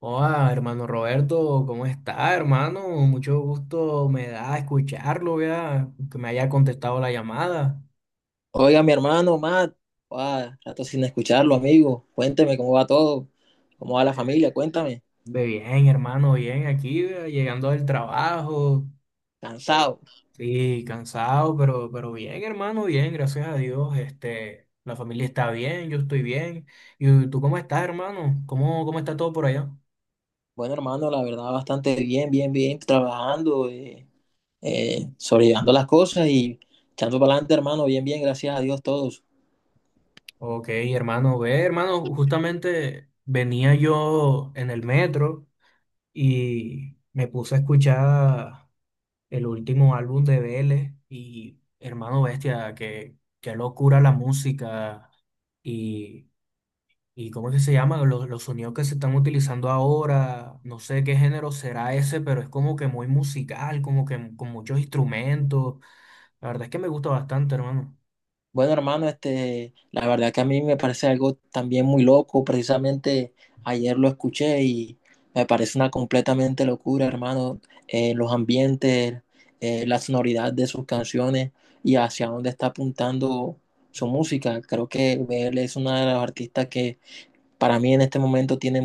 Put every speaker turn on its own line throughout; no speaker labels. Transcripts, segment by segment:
Hola, hermano Roberto, ¿cómo está, hermano? Mucho gusto me da escucharlo, vea, que me haya contestado la llamada.
Oiga, mi hermano Matt, rato sin escucharlo, amigo. Cuénteme cómo va todo, cómo va la familia, cuéntame.
Ve bien, hermano, bien aquí, vea, llegando del trabajo. Eh,
Cansado.
Sí, cansado, pero bien, hermano, bien, gracias a Dios. Este, la familia está bien, yo estoy bien. ¿Y tú cómo estás, hermano? ¿Cómo está todo por allá?
Bueno, hermano, la verdad, bastante bien, bien, trabajando, sobrellevando las cosas y echando para adelante, hermano, bien, bien, gracias a Dios todos.
Ok, hermano, ve, hermano, justamente venía yo en el metro y me puse a escuchar el último álbum de Vélez y hermano bestia, que qué locura la música y, y ¿cómo es que se llama? Los sonidos que se están utilizando ahora, no sé qué género será ese, pero es como que muy musical, como que con muchos instrumentos. La verdad es que me gusta bastante, hermano.
Bueno, hermano, la verdad que a mí me parece algo también muy loco. Precisamente ayer lo escuché y me parece una completamente locura, hermano. Los ambientes, la sonoridad de sus canciones y hacia dónde está apuntando su música. Creo que él es una de las artistas que para mí en este momento tiene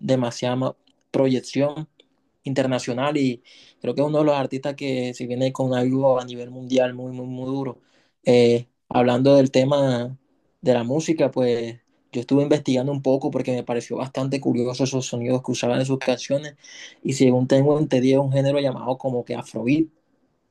demasiada proyección internacional y creo que es uno de los artistas que se viene con algo a nivel mundial muy, muy, muy duro. Hablando del tema de la música, pues yo estuve investigando un poco porque me pareció bastante curioso esos sonidos que usaban en sus canciones y según tengo entendido es un género llamado como que Afrobeat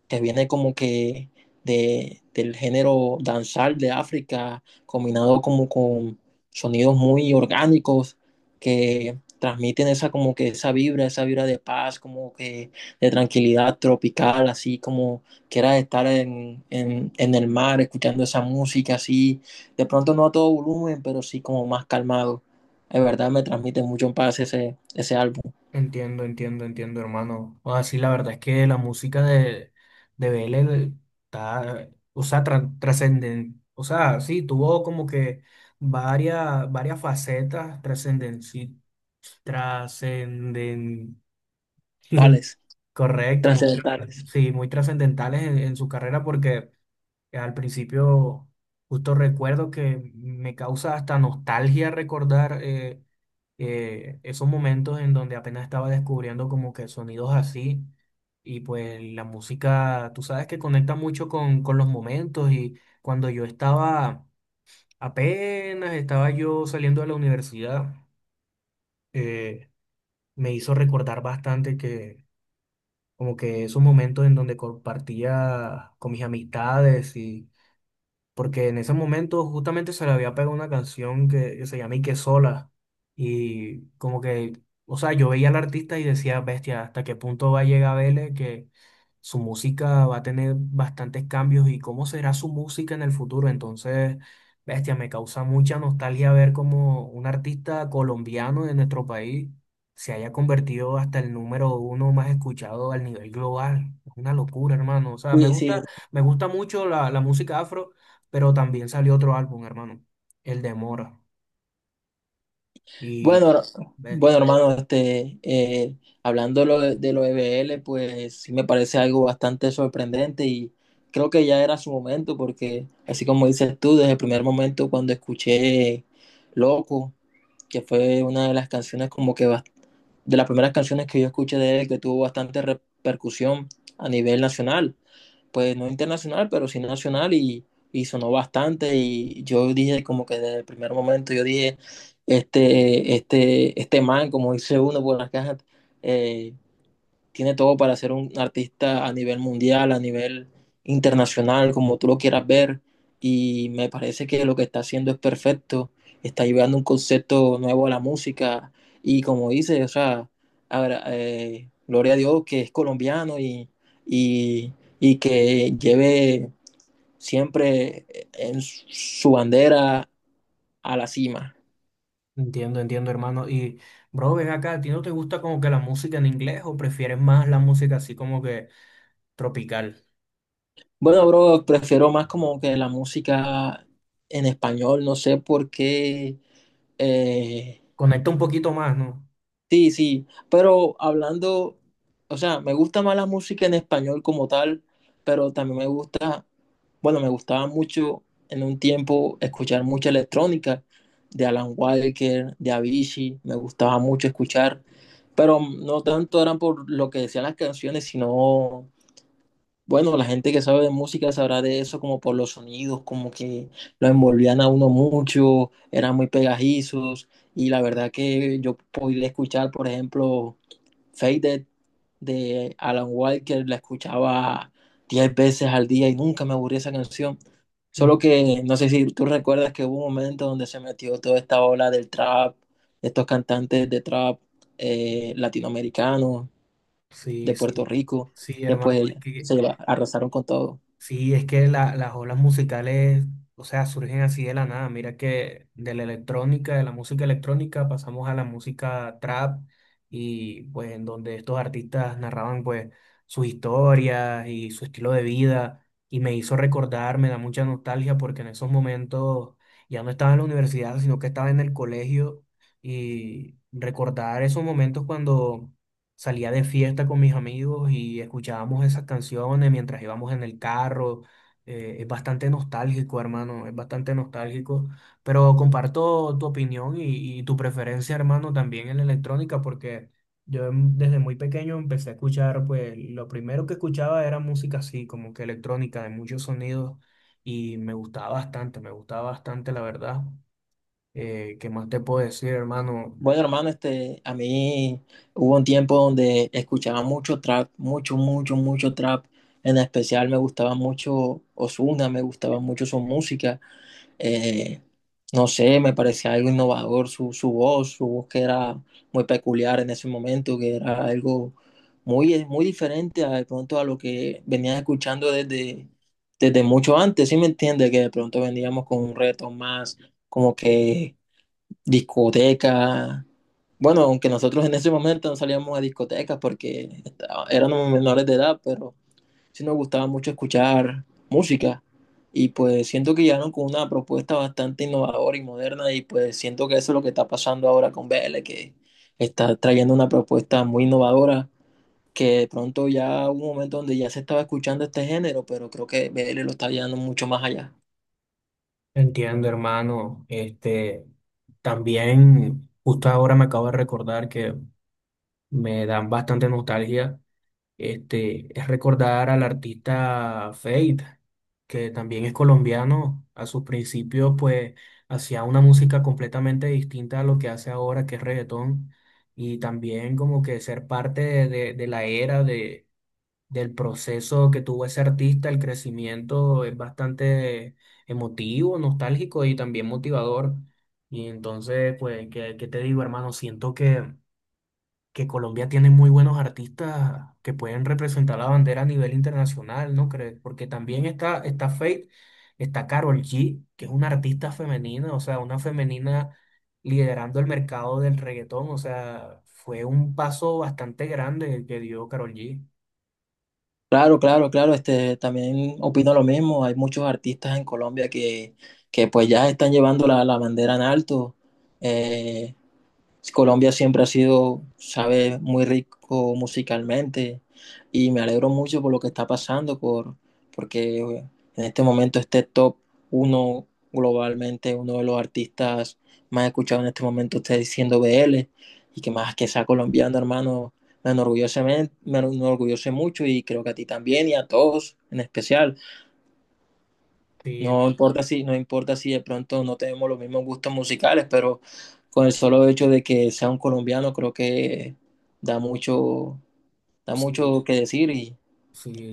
que viene como que del género danzal de África, combinado como con sonidos muy orgánicos que transmiten esa como que esa vibra de paz, como que de tranquilidad tropical, así como que era estar en el mar escuchando esa música así, de pronto no a todo volumen, pero sí como más calmado. De verdad me transmite mucho en paz ese álbum,
Entiendo, entiendo, entiendo, hermano. O así la verdad es que la música de BL está, o sea, trascenden, o sea, sí, tuvo como que varias facetas trascenden, sí, trascenden,
tales,
correcto, muy,
trascendentales.
sí, muy trascendentales en su carrera porque que Al principio, justo recuerdo que me causa hasta nostalgia recordar esos momentos en donde apenas estaba descubriendo como que sonidos así y pues la música, tú sabes que conecta mucho con los momentos y cuando yo apenas estaba yo saliendo de la universidad, eh, me hizo recordar bastante que como que esos momentos en donde compartía con mis amistades porque en ese momento justamente se le había pegado una canción que se llama Ike Sola y como que, o sea, yo veía al artista y decía, bestia, ¿hasta qué punto va a llegar Vélez que su música va a tener bastantes cambios y cómo será su música en el futuro? Entonces, bestia, me causa mucha nostalgia ver como un artista colombiano de nuestro país se haya convertido hasta el número uno más escuchado al nivel global. Es una locura, hermano. O sea,
Sí, sí.
me gusta mucho la música afro, pero también salió otro álbum, hermano, el de Mora. Y,
Bueno, her- bueno,
bestia,
hermano, hablando lo de lo E B L pues sí me parece algo bastante sorprendente y creo que ya era su momento, porque así como dices tú, desde el primer momento cuando escuché Loco, que fue una de las canciones como que de las primeras canciones que yo escuché de él que tuvo bastante repercusión a nivel nacional. Pues no internacional, pero sí nacional y sonó bastante y yo dije como que desde el primer momento yo dije, este man, como dice uno por las cajas, eh, tiene todo para ser un artista a nivel mundial, a nivel internacional, como tú lo quieras ver. Y me parece que lo que está haciendo es perfecto. Está llevando un concepto nuevo a la música. Y como dice, o sea, gloria a Dios que es colombiano y, y que lleve siempre en su bandera a la cima.
entiendo, entiendo, hermano. Y, bro, ven acá, ¿a ti no te gusta como que la música en inglés o prefieres más la música así como que tropical?
Bueno, bro, prefiero más como que la música en español, no sé por qué. Eh,
Conecta un poquito más, ¿no?
sí, sí, pero hablando, o sea, me gusta más la música en español como tal, pero también me gusta, bueno, me gustaba mucho en un tiempo escuchar mucha electrónica de Alan Walker, de Avicii, me gustaba mucho escuchar, pero no tanto eran por lo que decían las canciones, sino bueno, la gente que sabe de música sabrá de eso como por los sonidos, como que lo envolvían a uno mucho, eran muy pegajizos y la verdad que yo podía escuchar, por ejemplo, Faded de Alan Walker, la escuchaba 10 veces al día y nunca me aburría esa canción. Solo
Mm.
que no sé si tú recuerdas que hubo un momento donde se metió toda esta ola del trap, estos cantantes de trap, latinoamericanos, de
Sí, sí,
Puerto Rico,
sí,
que
hermano,
pues
es que
arrasaron con todo.
sí, es que la- las olas musicales, o sea, surgen así de la nada. Mira que de la electrónica, de la música electrónica, pasamos a la música trap y pues en donde estos artistas narraban pues sus historias y su estilo de vida y me hizo recordar, me da mucha nostalgia porque en esos momentos ya no estaba en la universidad, sino que estaba en el colegio y recordar esos momentos cuando salía de fiesta con mis amigos y escuchábamos esas canciones mientras íbamos en el carro. Es bastante nostálgico, hermano, es bastante nostálgico. Pero comparto tu opinión y tu preferencia, hermano, también en la electrónica, porque yo desde muy pequeño empecé a escuchar, pues lo primero que escuchaba era música así, como que electrónica, de muchos sonidos, y me gustaba bastante, la verdad. ¿Qué más te puedo decir, hermano?
Bueno, hermano, a mí hubo un tiempo donde escuchaba mucho trap, mucho trap. En especial me gustaba mucho Ozuna, me gustaba mucho su música. Eh, no sé, me parecía algo innovador su voz que era muy peculiar en ese momento, que era algo muy, muy diferente a, de pronto a lo que venías escuchando desde mucho antes, ¿sí me entiendes? Que de pronto veníamos con un reto más como que discotecas. Bueno, aunque nosotros en ese momento no salíamos a discotecas porque éramos menores de edad, pero sí nos gustaba mucho escuchar música. Y pues siento que llegaron con una propuesta bastante innovadora y moderna y pues siento que eso es lo que está pasando ahora con Vélez, que está trayendo una propuesta muy innovadora, que de pronto ya hubo un momento donde ya se estaba escuchando este género, pero creo que Vélez lo está llevando mucho más allá.
Entiendo, hermano. Este, también justo ahora me acabo de recordar que me dan bastante nostalgia. Este, es recordar al artista Fate, que también es colombiano. A sus principios, pues, hacía una música completamente distinta a lo que hace ahora, que es reggaetón. Y también como que ser parte de, de la era del proceso que tuvo ese artista, el crecimiento es bastante emotivo, nostálgico y también motivador. Y entonces, pues, ¿qué, qué te digo, hermano? Siento que Colombia tiene muy buenos artistas que pueden representar la bandera a nivel internacional, ¿no crees? Porque también está Feid, está Karol G, que es una artista femenina, o sea, una femenina liderando el mercado del reggaetón, o sea, fue un paso bastante grande el que dio Karol G.
Claro, claro, claro, también opino lo mismo. Hay muchos artistas en Colombia que pues ya están llevando la bandera en alto. eh, si Colombia siempre ha sido, sabe, muy rico musicalmente y me alegro mucho por lo que está pasando, porque en este momento este top uno globalmente, uno de los artistas más escuchados en este momento está diciendo BL y que más que sea colombiano, hermano, me enorgullece mucho y creo que a ti también y a todos en especial.
Sí, el-
No importa si, no importa si de pronto no tenemos los mismos gustos musicales, pero con el solo hecho de que sea un colombiano, creo que da mucho, da
sí,
mucho que decir y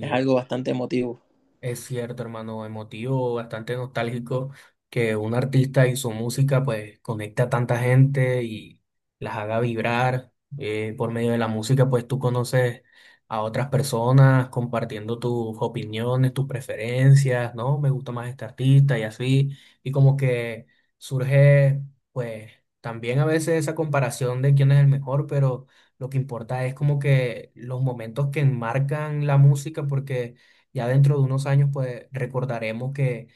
es algo bastante emotivo.
es cierto, hermano, emotivo, bastante nostálgico que un artista y su música pues conecta a tanta gente y las haga vibrar. Por medio de la música pues tú conoces a otras personas compartiendo tus opiniones, tus preferencias, ¿no? Me gusta más este artista y así. Y como que surge pues también a veces esa comparación de quién es el mejor, pero lo que importa es como que los momentos que enmarcan la música porque... Ya dentro de unos años, pues recordaremos que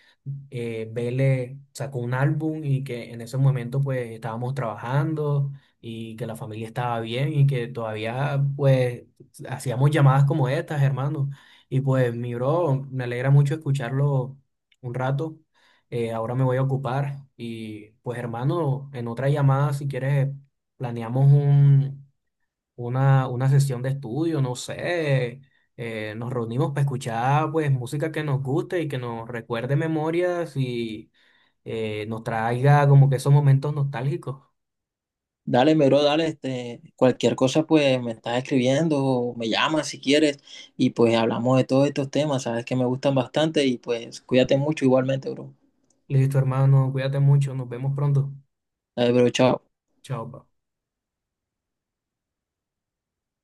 Vélez sacó un álbum y que en ese momento, pues estábamos trabajando y que la familia estaba bien y que todavía, pues, hacíamos llamadas como estas, hermano. Y pues, mi bro, me alegra mucho escucharlo un rato. Ahora me voy a ocupar y, pues, hermano, en otra llamada, si quieres, planeamos un una sesión de estudio, no sé, nos reunimos para escuchar pues música que nos guste y que nos recuerde memorias y nos traiga como que esos momentos nostálgicos.
Dale, mi bro, dale, cualquier cosa, pues me estás escribiendo o me llamas si quieres y pues hablamos de todos estos temas, sabes que me gustan bastante y pues cuídate mucho igualmente, bro.
Listo, hermano, cuídate mucho, nos vemos pronto.
Dale, bro, chao.
Chao. Pa.